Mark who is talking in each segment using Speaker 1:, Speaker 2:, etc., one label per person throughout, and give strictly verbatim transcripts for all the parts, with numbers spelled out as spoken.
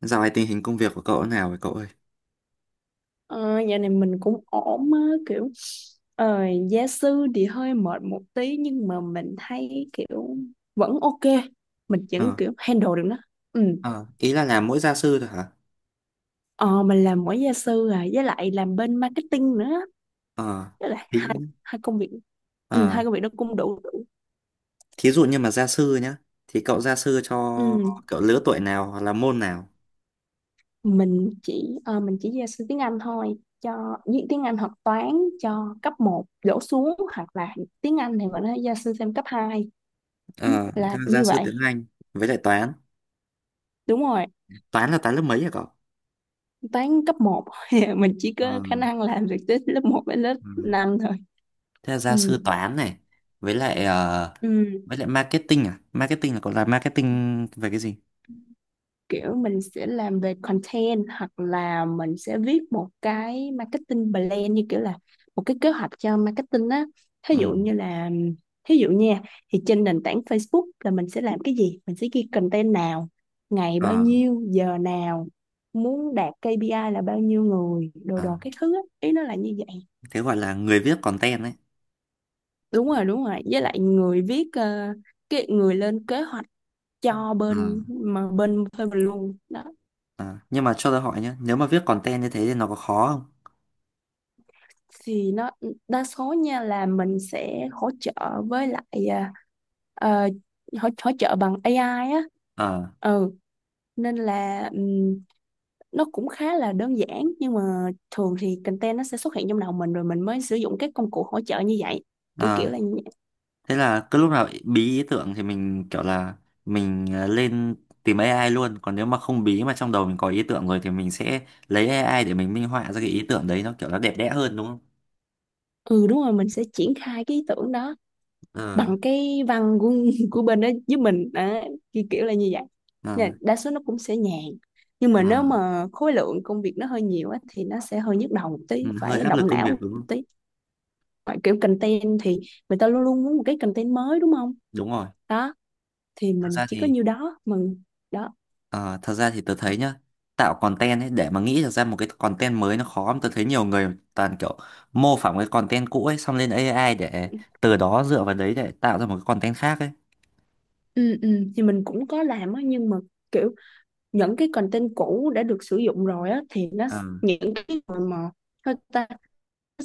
Speaker 1: Dạo này tình hình công việc của cậu thế nào vậy cậu ơi?
Speaker 2: Ờ, Dạo này mình cũng ổn á, kiểu ờ, gia sư thì hơi mệt một tí, nhưng mà mình thấy kiểu vẫn ok, mình vẫn
Speaker 1: Ờ,
Speaker 2: kiểu handle được nó. Ừ.
Speaker 1: ờ, ý là làm mỗi gia sư thôi hả?
Speaker 2: ờ, mình làm mỗi gia sư à, với lại làm bên marketing nữa,
Speaker 1: Ờ,
Speaker 2: với lại
Speaker 1: thí,
Speaker 2: hai hai công việc. Ừ,
Speaker 1: ờ,
Speaker 2: hai công việc đó cũng đủ đủ.
Speaker 1: thí dụ như mà gia sư nhá, thì cậu gia sư cho
Speaker 2: Ừ.
Speaker 1: cậu lứa tuổi nào hoặc là môn nào?
Speaker 2: Mình chỉ ờ, mình chỉ gia sư tiếng Anh thôi, cho với tiếng Anh hoặc toán, cho cấp một đổ xuống, hoặc là tiếng Anh thì mình nói gia sư thêm cấp hai. Ừ,
Speaker 1: Ờ,
Speaker 2: là
Speaker 1: thế là gia
Speaker 2: như
Speaker 1: sư
Speaker 2: vậy.
Speaker 1: tiếng Anh với lại toán.
Speaker 2: Đúng rồi.
Speaker 1: Toán là toán lớp mấy hả cậu?
Speaker 2: Toán cấp một. Mình chỉ
Speaker 1: Ờ,
Speaker 2: có khả năng làm được tới lớp một đến lớp
Speaker 1: ừ.
Speaker 2: năm thôi.
Speaker 1: Thế là
Speaker 2: Ừ.
Speaker 1: gia sư toán này với lại ờ,
Speaker 2: Ừ.
Speaker 1: với lại marketing à? Marketing là cậu làm marketing về cái gì?
Speaker 2: Kiểu mình sẽ làm về content, hoặc là mình sẽ viết một cái marketing plan, như kiểu là một cái kế hoạch cho marketing á. thí
Speaker 1: Ừ.
Speaker 2: dụ như là Thí dụ nha, thì trên nền tảng Facebook là mình sẽ làm cái gì, mình sẽ ghi content nào, ngày bao
Speaker 1: Ờ,
Speaker 2: nhiêu giờ nào, muốn đạt kê pi ai là bao nhiêu người, đồ
Speaker 1: ờ,
Speaker 2: đồ cái thứ á, ý nó là như vậy.
Speaker 1: thế gọi là người viết content
Speaker 2: Đúng rồi, đúng rồi, với lại người viết, ờ, cái người lên kế hoạch cho
Speaker 1: đấy.
Speaker 2: bên mà bên thuê mình luôn đó.
Speaker 1: À, nhưng mà cho tôi hỏi nhé, nếu mà viết content như thế thì nó có khó không?
Speaker 2: Thì nó đa số nha là mình sẽ hỗ trợ, với lại ờ, ờ, hỗ, hỗ trợ bằng a i á.
Speaker 1: Ờ,
Speaker 2: ừ Nên là, ừm, nó cũng khá là đơn giản, nhưng mà thường thì content nó sẽ xuất hiện trong đầu mình rồi mình mới sử dụng các công cụ hỗ trợ như vậy, kiểu
Speaker 1: à,
Speaker 2: kiểu là như vậy.
Speaker 1: thế là cứ lúc nào bí ý tưởng thì mình kiểu là mình ờ, lên tìm a i luôn, còn nếu mà không bí mà trong đầu mình có ý tưởng rồi thì mình sẽ lấy a i để mình minh họa ra cái ý tưởng đấy nó kiểu nó đẹp đẽ hơn đúng không?
Speaker 2: Ừ, đúng rồi, mình sẽ triển khai cái ý tưởng đó
Speaker 1: Ờ,
Speaker 2: bằng cái văn của của bên đó giúp mình à, kiểu kiểu là như vậy. Nên
Speaker 1: à,
Speaker 2: là đa số nó cũng sẽ nhàn, nhưng mà
Speaker 1: à,
Speaker 2: nếu mà khối lượng công việc nó hơi nhiều á, thì nó sẽ hơi nhức đầu một tí,
Speaker 1: ừ, hơi
Speaker 2: phải
Speaker 1: áp lực
Speaker 2: động
Speaker 1: công
Speaker 2: não
Speaker 1: việc đúng
Speaker 2: một
Speaker 1: không?
Speaker 2: tí. Ngoài kiểu content thì người ta luôn luôn muốn một cái content mới, đúng không?
Speaker 1: Đúng rồi.
Speaker 2: Đó, thì
Speaker 1: Thật
Speaker 2: mình
Speaker 1: ra
Speaker 2: chỉ có
Speaker 1: thì
Speaker 2: nhiêu đó mình, đó.
Speaker 1: Ờ, thật ra thì tớ thấy nhá, tạo content ấy để mà nghĩ được ra một cái content mới nó khó lắm, tớ thấy nhiều người toàn kiểu mô phỏng cái content cũ ấy xong lên a i để từ đó dựa vào đấy để tạo ra một cái content khác ấy.
Speaker 2: Ừ, ừ. Thì mình cũng có làm á, nhưng mà kiểu những cái content cũ đã được sử dụng rồi á thì nó,
Speaker 1: ờ
Speaker 2: những cái mà mà sao ta?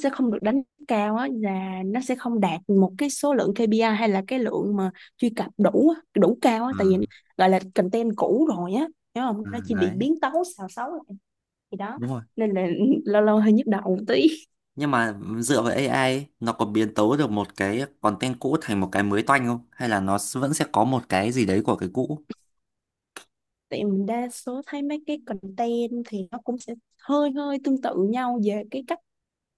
Speaker 2: Sẽ không được đánh cao á, là nó sẽ không đạt một cái số lượng kê pi ai, hay là cái lượng mà truy cập đủ á, đủ cao á,
Speaker 1: ờ
Speaker 2: tại vì gọi là content cũ rồi á, hiểu không,
Speaker 1: ờ,
Speaker 2: nó chỉ bị
Speaker 1: Đấy,
Speaker 2: biến tấu xào xáo lại. Thì đó,
Speaker 1: đúng rồi.
Speaker 2: nên là lâu lâu hơi nhức đầu một tí.
Speaker 1: Nhưng mà dựa vào a i ấy, nó có biến tấu được một cái content cũ thành một cái mới toanh không hay là nó s- vẫn sẽ có một cái gì đấy của cái cũ?
Speaker 2: Tại mình đa số thấy mấy cái content thì nó cũng sẽ hơi hơi tương tự nhau về cái cách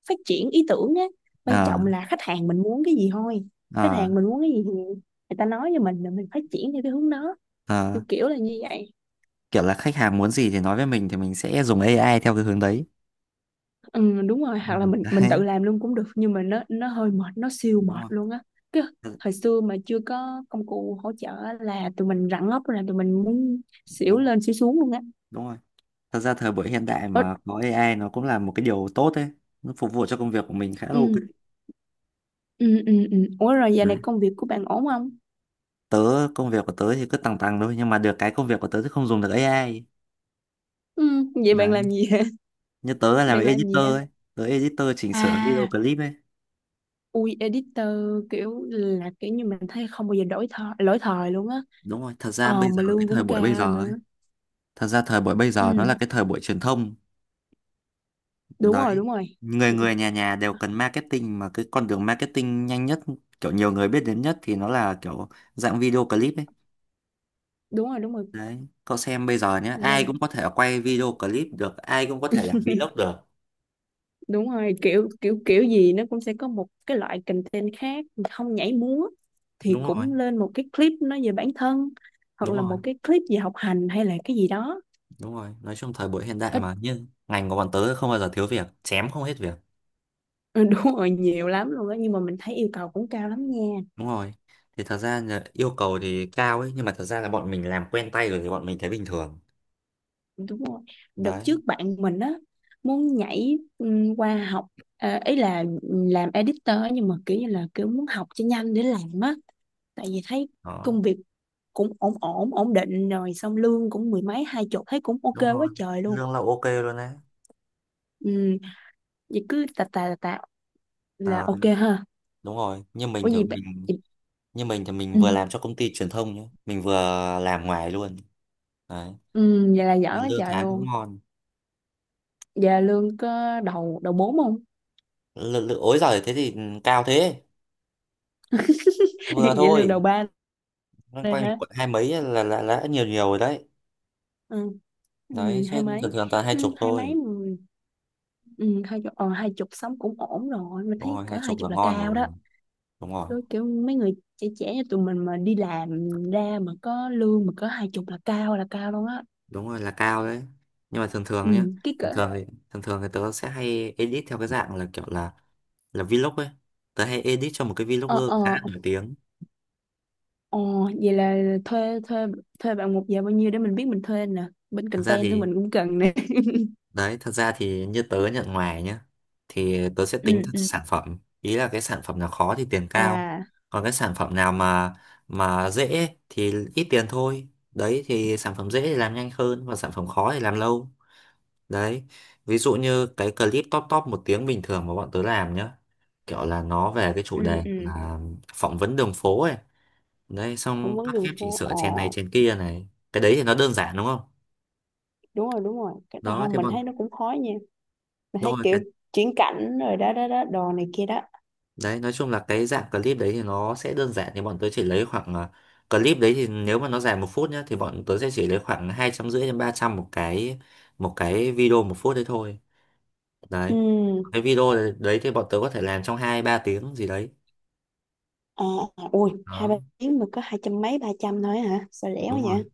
Speaker 2: phát triển ý tưởng á. Quan
Speaker 1: ờ
Speaker 2: trọng là khách hàng mình muốn cái gì thôi. Khách
Speaker 1: ờ
Speaker 2: hàng mình muốn cái gì thì người ta nói cho mình là mình phát triển theo cái hướng đó,
Speaker 1: ờ
Speaker 2: kiểu kiểu là như vậy.
Speaker 1: Kiểu là khách hàng muốn gì thì nói với mình thì mình sẽ dùng a i theo cái hướng đấy.
Speaker 2: Ừ, đúng rồi,
Speaker 1: Ừ,
Speaker 2: hoặc là mình mình tự
Speaker 1: đấy,
Speaker 2: làm luôn cũng được, nhưng mà nó nó hơi mệt, nó siêu
Speaker 1: đúng
Speaker 2: mệt
Speaker 1: rồi.
Speaker 2: luôn á. Cái
Speaker 1: Ừ,
Speaker 2: thời xưa mà chưa có công cụ hỗ trợ á, là tụi mình rặn ốc, là tụi mình muốn xỉu
Speaker 1: đúng rồi.
Speaker 2: lên xỉu xuống luôn á.
Speaker 1: Đúng rồi, thật ra thời buổi hiện đại
Speaker 2: Ủa,
Speaker 1: mà có a i nó cũng là một cái điều tốt đấy, nó phục vụ cho công việc của mình khá là ok.
Speaker 2: ừ, ừ, ừ, ừ. Ủa, rồi giờ này
Speaker 1: Đấy.
Speaker 2: công việc của bạn ổn không?
Speaker 1: Tớ, công việc của tớ thì cứ tằng tằng thôi nhưng mà được cái công việc của tớ thì không dùng được a i.
Speaker 2: Ừ, vậy bạn
Speaker 1: Đấy,
Speaker 2: làm gì hả?
Speaker 1: như tớ làm
Speaker 2: Bạn làm gì
Speaker 1: editor
Speaker 2: hả?
Speaker 1: ấy, tớ editor chỉnh sửa video
Speaker 2: À,
Speaker 1: clip ấy.
Speaker 2: ui, editor, kiểu là kiểu như mình thấy không bao giờ đổi thời lỗi thời luôn á.
Speaker 1: Đúng rồi, thật ra
Speaker 2: Ờ
Speaker 1: bây giờ
Speaker 2: mà
Speaker 1: cái
Speaker 2: lương
Speaker 1: thời
Speaker 2: cũng
Speaker 1: buổi bây
Speaker 2: cao
Speaker 1: giờ ấy,
Speaker 2: nữa.
Speaker 1: thật ra thời buổi bây giờ nó là
Speaker 2: Ừ,
Speaker 1: cái thời buổi truyền thông.
Speaker 2: đúng
Speaker 1: Đấy,
Speaker 2: rồi, đúng rồi.
Speaker 1: người
Speaker 2: Ừ,
Speaker 1: người nhà nhà đều cần marketing, mà cái con đường marketing nhanh nhất, kiểu nhiều người biết đến nhất thì nó là kiểu dạng video clip ấy.
Speaker 2: đúng rồi, đúng rồi.
Speaker 1: Đấy, cậu xem bây giờ nhé, ai cũng
Speaker 2: lên
Speaker 1: có thể quay video clip được, ai cũng có thể làm vlog được.
Speaker 2: Đúng rồi, kiểu kiểu kiểu gì nó cũng sẽ có một cái loại content khác, không nhảy múa thì
Speaker 1: Đúng rồi,
Speaker 2: cũng lên một cái clip nói về bản thân, hoặc
Speaker 1: đúng
Speaker 2: là
Speaker 1: rồi,
Speaker 2: một cái clip về học hành hay là cái gì đó.
Speaker 1: đúng rồi. Nói chung thời buổi hiện đại
Speaker 2: Ít.
Speaker 1: mà, nhưng ngành của bọn tớ không bao giờ thiếu việc, chém không hết việc.
Speaker 2: Ừ, đúng rồi, nhiều lắm luôn á, nhưng mà mình thấy yêu cầu cũng cao lắm nha.
Speaker 1: Đúng rồi. Thì thật ra là yêu cầu thì cao ấy, nhưng mà thật ra là bọn mình làm quen tay rồi thì bọn mình thấy bình thường.
Speaker 2: Đúng rồi. Đợt
Speaker 1: Đấy,
Speaker 2: trước bạn mình á muốn nhảy ừm, qua học, ờ, ý là làm editor á, nhưng mà kiểu như là kiểu muốn học cho nhanh để làm á, tại vì thấy
Speaker 1: đó.
Speaker 2: công việc cũng ổn ổn ổn định rồi, xong lương cũng mười mấy hai chục, thấy cũng ok
Speaker 1: Đúng rồi.
Speaker 2: quá trời luôn.
Speaker 1: Lương là ok luôn đấy.
Speaker 2: Ừ, vậy cứ tà tà tà tà là
Speaker 1: À,
Speaker 2: ok ha.
Speaker 1: đúng rồi, như
Speaker 2: Có
Speaker 1: mình thì
Speaker 2: gì bạn
Speaker 1: mình
Speaker 2: vậy-
Speaker 1: như mình thì mình
Speaker 2: ừ,
Speaker 1: vừa làm cho công ty truyền thông nhé, mình vừa làm ngoài luôn. Đấy,
Speaker 2: ừ, vậy là giỏi quá
Speaker 1: lương
Speaker 2: trời
Speaker 1: tháng cũng
Speaker 2: luôn.
Speaker 1: ngon.
Speaker 2: Vậy là lương có đầu đầu bốn không?
Speaker 1: L- l- ối giời, thế thì ừ, cao thế. Vừa
Speaker 2: Vậy lương đầu
Speaker 1: thôi,
Speaker 2: ba
Speaker 1: loanh
Speaker 2: đây
Speaker 1: quanh
Speaker 2: hả?
Speaker 1: quận hai mấy là là là đã nhiều nhiều rồi đấy.
Speaker 2: Ừ. Ừ,
Speaker 1: Đấy
Speaker 2: hai
Speaker 1: chứ
Speaker 2: mấy.
Speaker 1: thường thường toàn hai
Speaker 2: Ừ,
Speaker 1: chục
Speaker 2: hai mấy.
Speaker 1: thôi.
Speaker 2: Ừ, ừ, hai chục. ờ, Hai chục sống cũng ổn rồi, mình
Speaker 1: Đúng
Speaker 2: thấy
Speaker 1: rồi,
Speaker 2: cỡ
Speaker 1: hai
Speaker 2: hai
Speaker 1: chục là
Speaker 2: chục là
Speaker 1: ngon
Speaker 2: cao đó.
Speaker 1: rồi. Đúng rồi,
Speaker 2: Đôi kiểu mấy người trẻ trẻ như tụi mình mà đi làm ra mà có lương mà có hai chục là cao, là cao luôn á.
Speaker 1: đúng rồi, là cao đấy. Nhưng mà thường thường
Speaker 2: Ừ,
Speaker 1: nhá,
Speaker 2: cái
Speaker 1: thường
Speaker 2: cỡ
Speaker 1: thường thì, thường thường thì tớ sẽ hay edit theo cái dạng là kiểu là là vlog ấy. Tớ hay edit cho một cái vlogger
Speaker 2: ờ
Speaker 1: khá
Speaker 2: ờ
Speaker 1: là nổi tiếng.
Speaker 2: ờ vậy là thuê thuê thuê bạn một giờ bao nhiêu để mình biết mình thuê nè, bên
Speaker 1: Thật ra
Speaker 2: content tụi
Speaker 1: thì,
Speaker 2: mình cũng cần nè.
Speaker 1: đấy, thật ra thì như tớ nhận ngoài nhá, thì tớ sẽ tính
Speaker 2: Ừ,
Speaker 1: theo
Speaker 2: ừ,
Speaker 1: sản phẩm. Ý là cái sản phẩm nào khó thì tiền cao.
Speaker 2: à,
Speaker 1: Còn cái sản phẩm nào mà mà dễ thì ít tiền thôi. Đấy thì sản phẩm dễ thì làm nhanh hơn và sản phẩm khó thì làm lâu. Đấy. Ví dụ như cái clip top top một tiếng bình thường mà bọn tớ làm nhá. Kiểu là nó về cái chủ
Speaker 2: ừ,
Speaker 1: đề
Speaker 2: ừ,
Speaker 1: là phỏng vấn đường phố ấy. Đấy,
Speaker 2: phỏng
Speaker 1: xong
Speaker 2: vấn
Speaker 1: cắt
Speaker 2: đường
Speaker 1: ghép chỉnh
Speaker 2: phố.
Speaker 1: sửa
Speaker 2: Ờ,
Speaker 1: chèn này chèn kia này. Cái đấy thì nó đơn giản đúng không?
Speaker 2: đúng rồi, đúng rồi, cái nào
Speaker 1: Đó
Speaker 2: không
Speaker 1: thì
Speaker 2: mình
Speaker 1: bọn
Speaker 2: thấy nó cũng khó nha. Mình thấy
Speaker 1: đúng rồi.
Speaker 2: kiểu chuyển cảnh rồi đó đó đó, đồ này kia đó.
Speaker 1: Đấy, nói chung là cái dạng clip đấy thì nó sẽ đơn giản thì bọn tớ chỉ lấy khoảng à, clip đấy thì nếu mà nó dài một phút nhá thì bọn tớ sẽ chỉ lấy khoảng hai trăm rưỡi đến ba trăm một cái một cái video một phút đấy thôi. Đấy.
Speaker 2: Ừ,
Speaker 1: Cái video đấy đấy thì bọn tớ có thể làm trong hai ba tiếng gì đấy.
Speaker 2: à, à, ui, hai
Speaker 1: Đó,
Speaker 2: ba tiếng mà có hai trăm mấy ba trăm thôi hả, sao rẻ quá
Speaker 1: đúng rồi.
Speaker 2: vậy?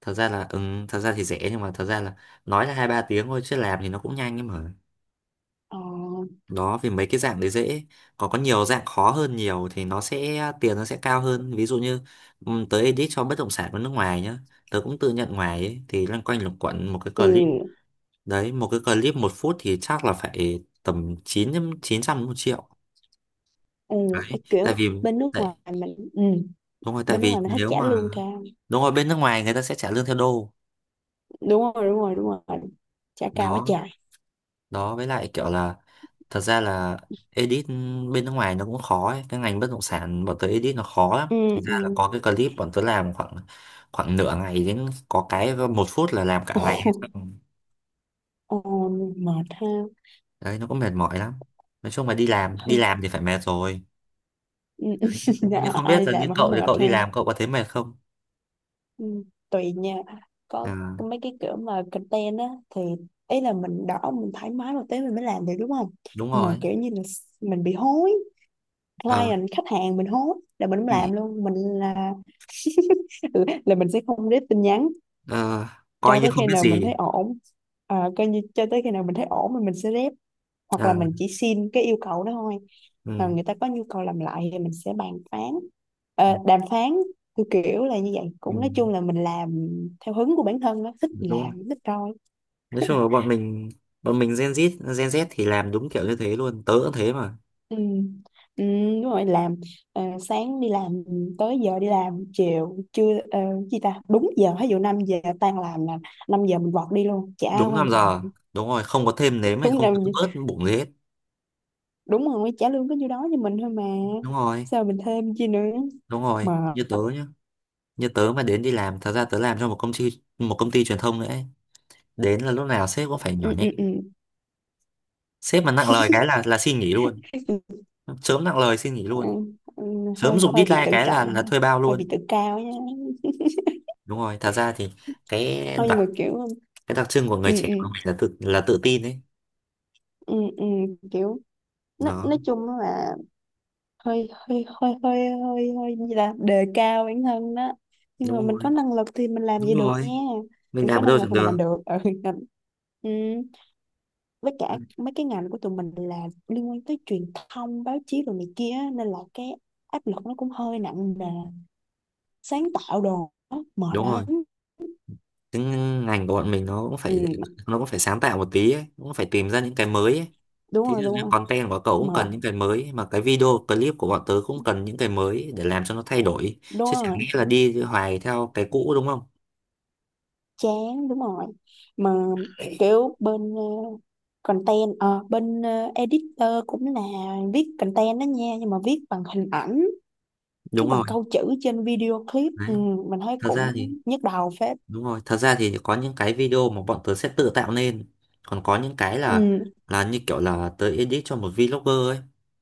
Speaker 1: Thật ra là ừ, Thật ra thì rẻ nhưng mà thật ra là nói là hai ba tiếng thôi chứ làm thì nó cũng nhanh ấy mà.
Speaker 2: Ờ,
Speaker 1: Đó vì mấy cái dạng đấy dễ, còn có nhiều dạng khó hơn nhiều thì nó sẽ tiền nó sẽ cao hơn, ví dụ như ừm, tớ edit cho bất động sản của nước ngoài nhá. Tớ cũng tự nhận ngoài ấy, thì loanh quanh luẩn quẩn một cái clip
Speaker 2: ừ,
Speaker 1: đấy một cái clip một phút thì chắc là phải tầm chín chín trăm một triệu.
Speaker 2: ừ,
Speaker 1: Đấy
Speaker 2: ấy kiểu
Speaker 1: tại vì,
Speaker 2: bên nước
Speaker 1: tại
Speaker 2: ngoài mình ừ,
Speaker 1: đúng rồi, tại
Speaker 2: bên nước ngoài
Speaker 1: vì
Speaker 2: mình thích
Speaker 1: nếu
Speaker 2: trả
Speaker 1: mà,
Speaker 2: lương cao.
Speaker 1: đúng rồi, bên nước ngoài người ta sẽ trả lương theo đô.
Speaker 2: Đúng rồi, đúng rồi, đúng rồi, trả cao quá
Speaker 1: Đó,
Speaker 2: trời.
Speaker 1: đó, với lại kiểu là, thật ra là edit bên nước ngoài nó cũng khó ấy. Cái ngành bất động sản bọn tớ edit nó khó lắm,
Speaker 2: Ừ,
Speaker 1: thành
Speaker 2: ừ.
Speaker 1: ra là có cái clip bọn tớ làm khoảng, khoảng nửa ngày đến có cái một phút là làm cả ngày.
Speaker 2: Ồ, mệt ha.
Speaker 1: Đấy nó cũng mệt mỏi lắm. Nói chung là đi làm đi
Speaker 2: Thôi.
Speaker 1: làm thì phải mệt rồi.
Speaker 2: Ừ,
Speaker 1: Nhưng
Speaker 2: dạ,
Speaker 1: không biết
Speaker 2: ai
Speaker 1: là
Speaker 2: làm
Speaker 1: như
Speaker 2: mà không
Speaker 1: cậu thì cậu
Speaker 2: mệt ha.
Speaker 1: đi làm cậu có thấy mệt không?
Speaker 2: Ừ, tùy nha. Có
Speaker 1: À,
Speaker 2: có mấy cái kiểu mà content á thì ý là mình đỏ mình thoải mái một tí mình mới làm được, đúng không?
Speaker 1: đúng
Speaker 2: Mà
Speaker 1: rồi.
Speaker 2: kiểu như là mình bị hối,
Speaker 1: Ờ,
Speaker 2: client khách hàng mình hối là mình không làm
Speaker 1: bị
Speaker 2: luôn, mình là là mình sẽ không rep tin nhắn
Speaker 1: ờ, coi
Speaker 2: cho
Speaker 1: như
Speaker 2: tới
Speaker 1: không
Speaker 2: khi
Speaker 1: biết
Speaker 2: nào mình thấy
Speaker 1: gì.
Speaker 2: ổn. À, coi như cho tới khi nào mình thấy ổn thì mình sẽ rep, hoặc là
Speaker 1: À,
Speaker 2: mình chỉ xin cái yêu cầu đó thôi. À,
Speaker 1: ừ,
Speaker 2: người ta có nhu cầu làm lại thì mình sẽ bàn phán
Speaker 1: ừ,
Speaker 2: Ờ, đàm phán, kiểu kiểu là như vậy,
Speaker 1: ừ,
Speaker 2: cũng nói chung là mình làm theo hứng của bản thân, nó thích thì
Speaker 1: đúng.
Speaker 2: làm thích rồi.
Speaker 1: Nói chung là bọn mình bọn mình Gen Z Gen Z thì làm đúng kiểu như thế luôn, tớ cũng thế mà.
Speaker 2: Ừ. Ừ, đúng rồi, làm, ờ, sáng đi làm tới giờ đi làm chiều, trưa chưa gì ta đúng giờ, ví dụ năm giờ tan làm là năm giờ mình vọt đi luôn, chả
Speaker 1: Đúng năm
Speaker 2: quan tâm.
Speaker 1: giờ đúng rồi, không có thêm nếm hay
Speaker 2: Đúng
Speaker 1: không
Speaker 2: năm
Speaker 1: có
Speaker 2: giờ.
Speaker 1: bớt bụng gì hết.
Speaker 2: Đúng rồi, trả lương có nhiêu đó cho mình thôi mà
Speaker 1: Đúng rồi,
Speaker 2: sao mình thêm chi nữa.
Speaker 1: đúng rồi,
Speaker 2: Mà,
Speaker 1: như tớ nhá. Như tớ mà đến đi làm thật ra tớ làm cho một công ty một công ty truyền thông nữa ấy. Đến là lúc nào sếp cũng phải
Speaker 2: ừ,
Speaker 1: nhỏ
Speaker 2: ừ,
Speaker 1: nhẹ.
Speaker 2: ừ.
Speaker 1: Sếp mà nặng lời cái là là xin nghỉ luôn. Sớm nặng lời xin nghỉ
Speaker 2: Ừ,
Speaker 1: luôn.
Speaker 2: ừ,
Speaker 1: Sớm
Speaker 2: hơi
Speaker 1: giục
Speaker 2: hơi bị
Speaker 1: deadline
Speaker 2: tự
Speaker 1: cái là
Speaker 2: trọng,
Speaker 1: là thuê bao
Speaker 2: hơi
Speaker 1: luôn.
Speaker 2: bị tự cao nha.
Speaker 1: Đúng rồi, thật ra thì cái
Speaker 2: Không, nhưng mà
Speaker 1: đặc
Speaker 2: kiểu,
Speaker 1: cái đặc trưng của
Speaker 2: ừ,
Speaker 1: người trẻ
Speaker 2: ừ,
Speaker 1: của mình là tự là tự tin ấy.
Speaker 2: ừ, ừ, kiểu nói, nói
Speaker 1: nó
Speaker 2: chung là hơi hơi hơi hơi hơi hơi gì là đề cao bản thân đó. Nhưng mà
Speaker 1: Đúng
Speaker 2: mình có
Speaker 1: rồi,
Speaker 2: năng lực thì mình làm
Speaker 1: đúng
Speaker 2: gì được nha.
Speaker 1: rồi, mình
Speaker 2: Mình có
Speaker 1: làm ở
Speaker 2: năng
Speaker 1: đâu
Speaker 2: lực
Speaker 1: chẳng
Speaker 2: thì mình làm
Speaker 1: được.
Speaker 2: được. Ừ, ừ. Với cả mấy cái ngành của tụi mình là liên quan tới truyền thông báo chí rồi này kia á, nên là cái áp lực nó cũng hơi nặng nề. Sáng tạo đồ á, mệt
Speaker 1: Đúng rồi,
Speaker 2: lắm.
Speaker 1: cái ngành của bọn mình nó cũng
Speaker 2: Ừ,
Speaker 1: phải nó cũng phải sáng tạo một tí ấy. Cũng phải tìm ra những cái mới ấy.
Speaker 2: đúng
Speaker 1: Thế
Speaker 2: rồi,
Speaker 1: thì
Speaker 2: đúng
Speaker 1: cái
Speaker 2: rồi.
Speaker 1: content của cậu cũng
Speaker 2: Mệt.
Speaker 1: cần những cái mới, mà cái video clip của bọn tớ cũng cần những cái mới để làm cho nó thay đổi
Speaker 2: Đúng
Speaker 1: chứ chẳng
Speaker 2: rồi,
Speaker 1: nghĩa là đi hoài theo cái cũ đúng không?
Speaker 2: chán. Đúng rồi. Mà kiểu bên ờ, content, ờ, bên ờ, editor cũng là viết content đó nha, nhưng mà viết bằng hình ảnh, viết
Speaker 1: Đúng rồi,
Speaker 2: bằng câu chữ trên video clip.
Speaker 1: đấy,
Speaker 2: Ừ, mình thấy
Speaker 1: thật ra
Speaker 2: cũng
Speaker 1: thì,
Speaker 2: nhức đầu phết.
Speaker 1: đúng rồi, thật ra thì có những cái video mà bọn tớ sẽ tự tạo nên. Còn có những cái là
Speaker 2: Ừ,
Speaker 1: là như kiểu là tớ edit cho một vlogger ấy.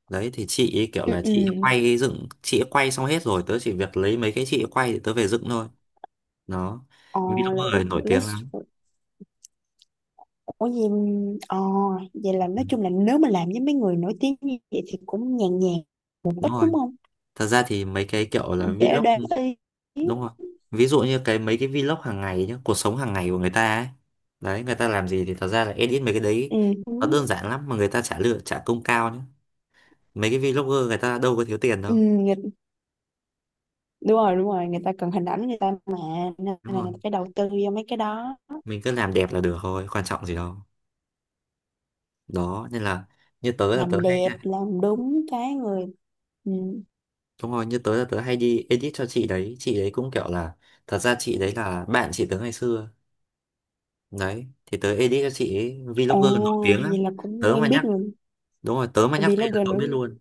Speaker 1: Đấy thì chị ấy kiểu
Speaker 2: ừ,
Speaker 1: là
Speaker 2: ừ.
Speaker 1: chị ấy quay dựng, chị ấy quay xong hết rồi, tớ chỉ việc lấy mấy cái chị ấy quay để tớ về dựng thôi. Đó.
Speaker 2: ờ, lấy,
Speaker 1: Vlogger này nổi
Speaker 2: lấy
Speaker 1: tiếng lắm.
Speaker 2: Ủa gì, ờ, vậy là
Speaker 1: Ừ,
Speaker 2: nói chung là nếu mà làm với mấy người nổi tiếng như vậy thì cũng nhàn nhàn một
Speaker 1: đúng
Speaker 2: ít,
Speaker 1: rồi.
Speaker 2: đúng không?
Speaker 1: Thật ra thì mấy cái kiểu là
Speaker 2: Dễ đoán
Speaker 1: vlog,
Speaker 2: ý.
Speaker 1: đúng rồi, ví dụ như cái mấy cái vlog hàng ngày nhá, cuộc sống hàng ngày của người ta ấy. Đấy người ta làm gì thì thật ra là edit mấy cái đấy. Nó
Speaker 2: Ừ.
Speaker 1: đơn giản lắm mà người ta trả lương trả công cao nhá. Mấy cái vlogger người ta đâu có thiếu tiền
Speaker 2: Ừ,
Speaker 1: đâu,
Speaker 2: người, đúng rồi, đúng rồi, người ta cần hình ảnh người ta mà, nên
Speaker 1: đúng
Speaker 2: là người
Speaker 1: không?
Speaker 2: ta phải đầu tư vô mấy cái đó.
Speaker 1: Mình cứ làm đẹp là được thôi, quan trọng gì đâu. Đó nên là, như tớ là tớ
Speaker 2: Làm
Speaker 1: hay
Speaker 2: đẹp làm đúng cái người. Ừ.
Speaker 1: đúng rồi, như tớ là tớ hay đi edit cho chị đấy chị đấy cũng kiểu là, thật ra chị đấy là bạn chị tớ ngày xưa. Đấy thì tớ edit cho chị ấy,
Speaker 2: Ồ,
Speaker 1: vlogger nổi tiếng lắm.
Speaker 2: vậy là cũng
Speaker 1: Tớ mà
Speaker 2: quen biết
Speaker 1: nhắc
Speaker 2: người
Speaker 1: Đúng rồi, tớ mà nhắc tên là
Speaker 2: vlogger
Speaker 1: cậu
Speaker 2: nữa.
Speaker 1: biết luôn.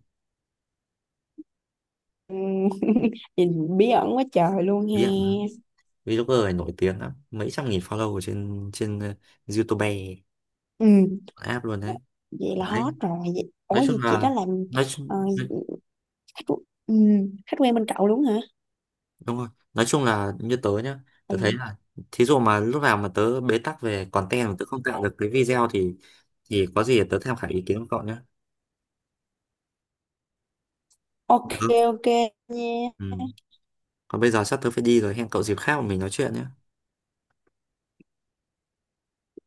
Speaker 2: Ừ. Vậy bí ẩn quá trời luôn he.
Speaker 1: Nghiện lắm. Vlogger này nổi tiếng lắm, mấy trăm nghìn follow ở trên trên uh, YouTube
Speaker 2: Ừ.
Speaker 1: app luôn đấy.
Speaker 2: Vậy là hot
Speaker 1: Đấy,
Speaker 2: rồi vậy. Ủa,
Speaker 1: nói chung
Speaker 2: vậy chị đó
Speaker 1: là,
Speaker 2: làm,
Speaker 1: nói chung
Speaker 2: ờ, khách ừ, khách quen bên cậu đúng hả?
Speaker 1: đúng rồi, nói chung là như tớ nhá, tớ thấy
Speaker 2: Ừ.
Speaker 1: là, thí dụ mà lúc nào mà tớ bế tắc về content mà tớ không tạo được cái video thì thì có gì tớ tham khảo ý kiến của cậu nhé.
Speaker 2: Ok
Speaker 1: tớ
Speaker 2: ok nha,
Speaker 1: ừ. Còn bây giờ sắp tớ phải đi rồi, hẹn cậu dịp khác mà mình nói chuyện nhé.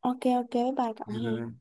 Speaker 2: ok ok, bye bye cậu
Speaker 1: Bye
Speaker 2: ha.
Speaker 1: bye.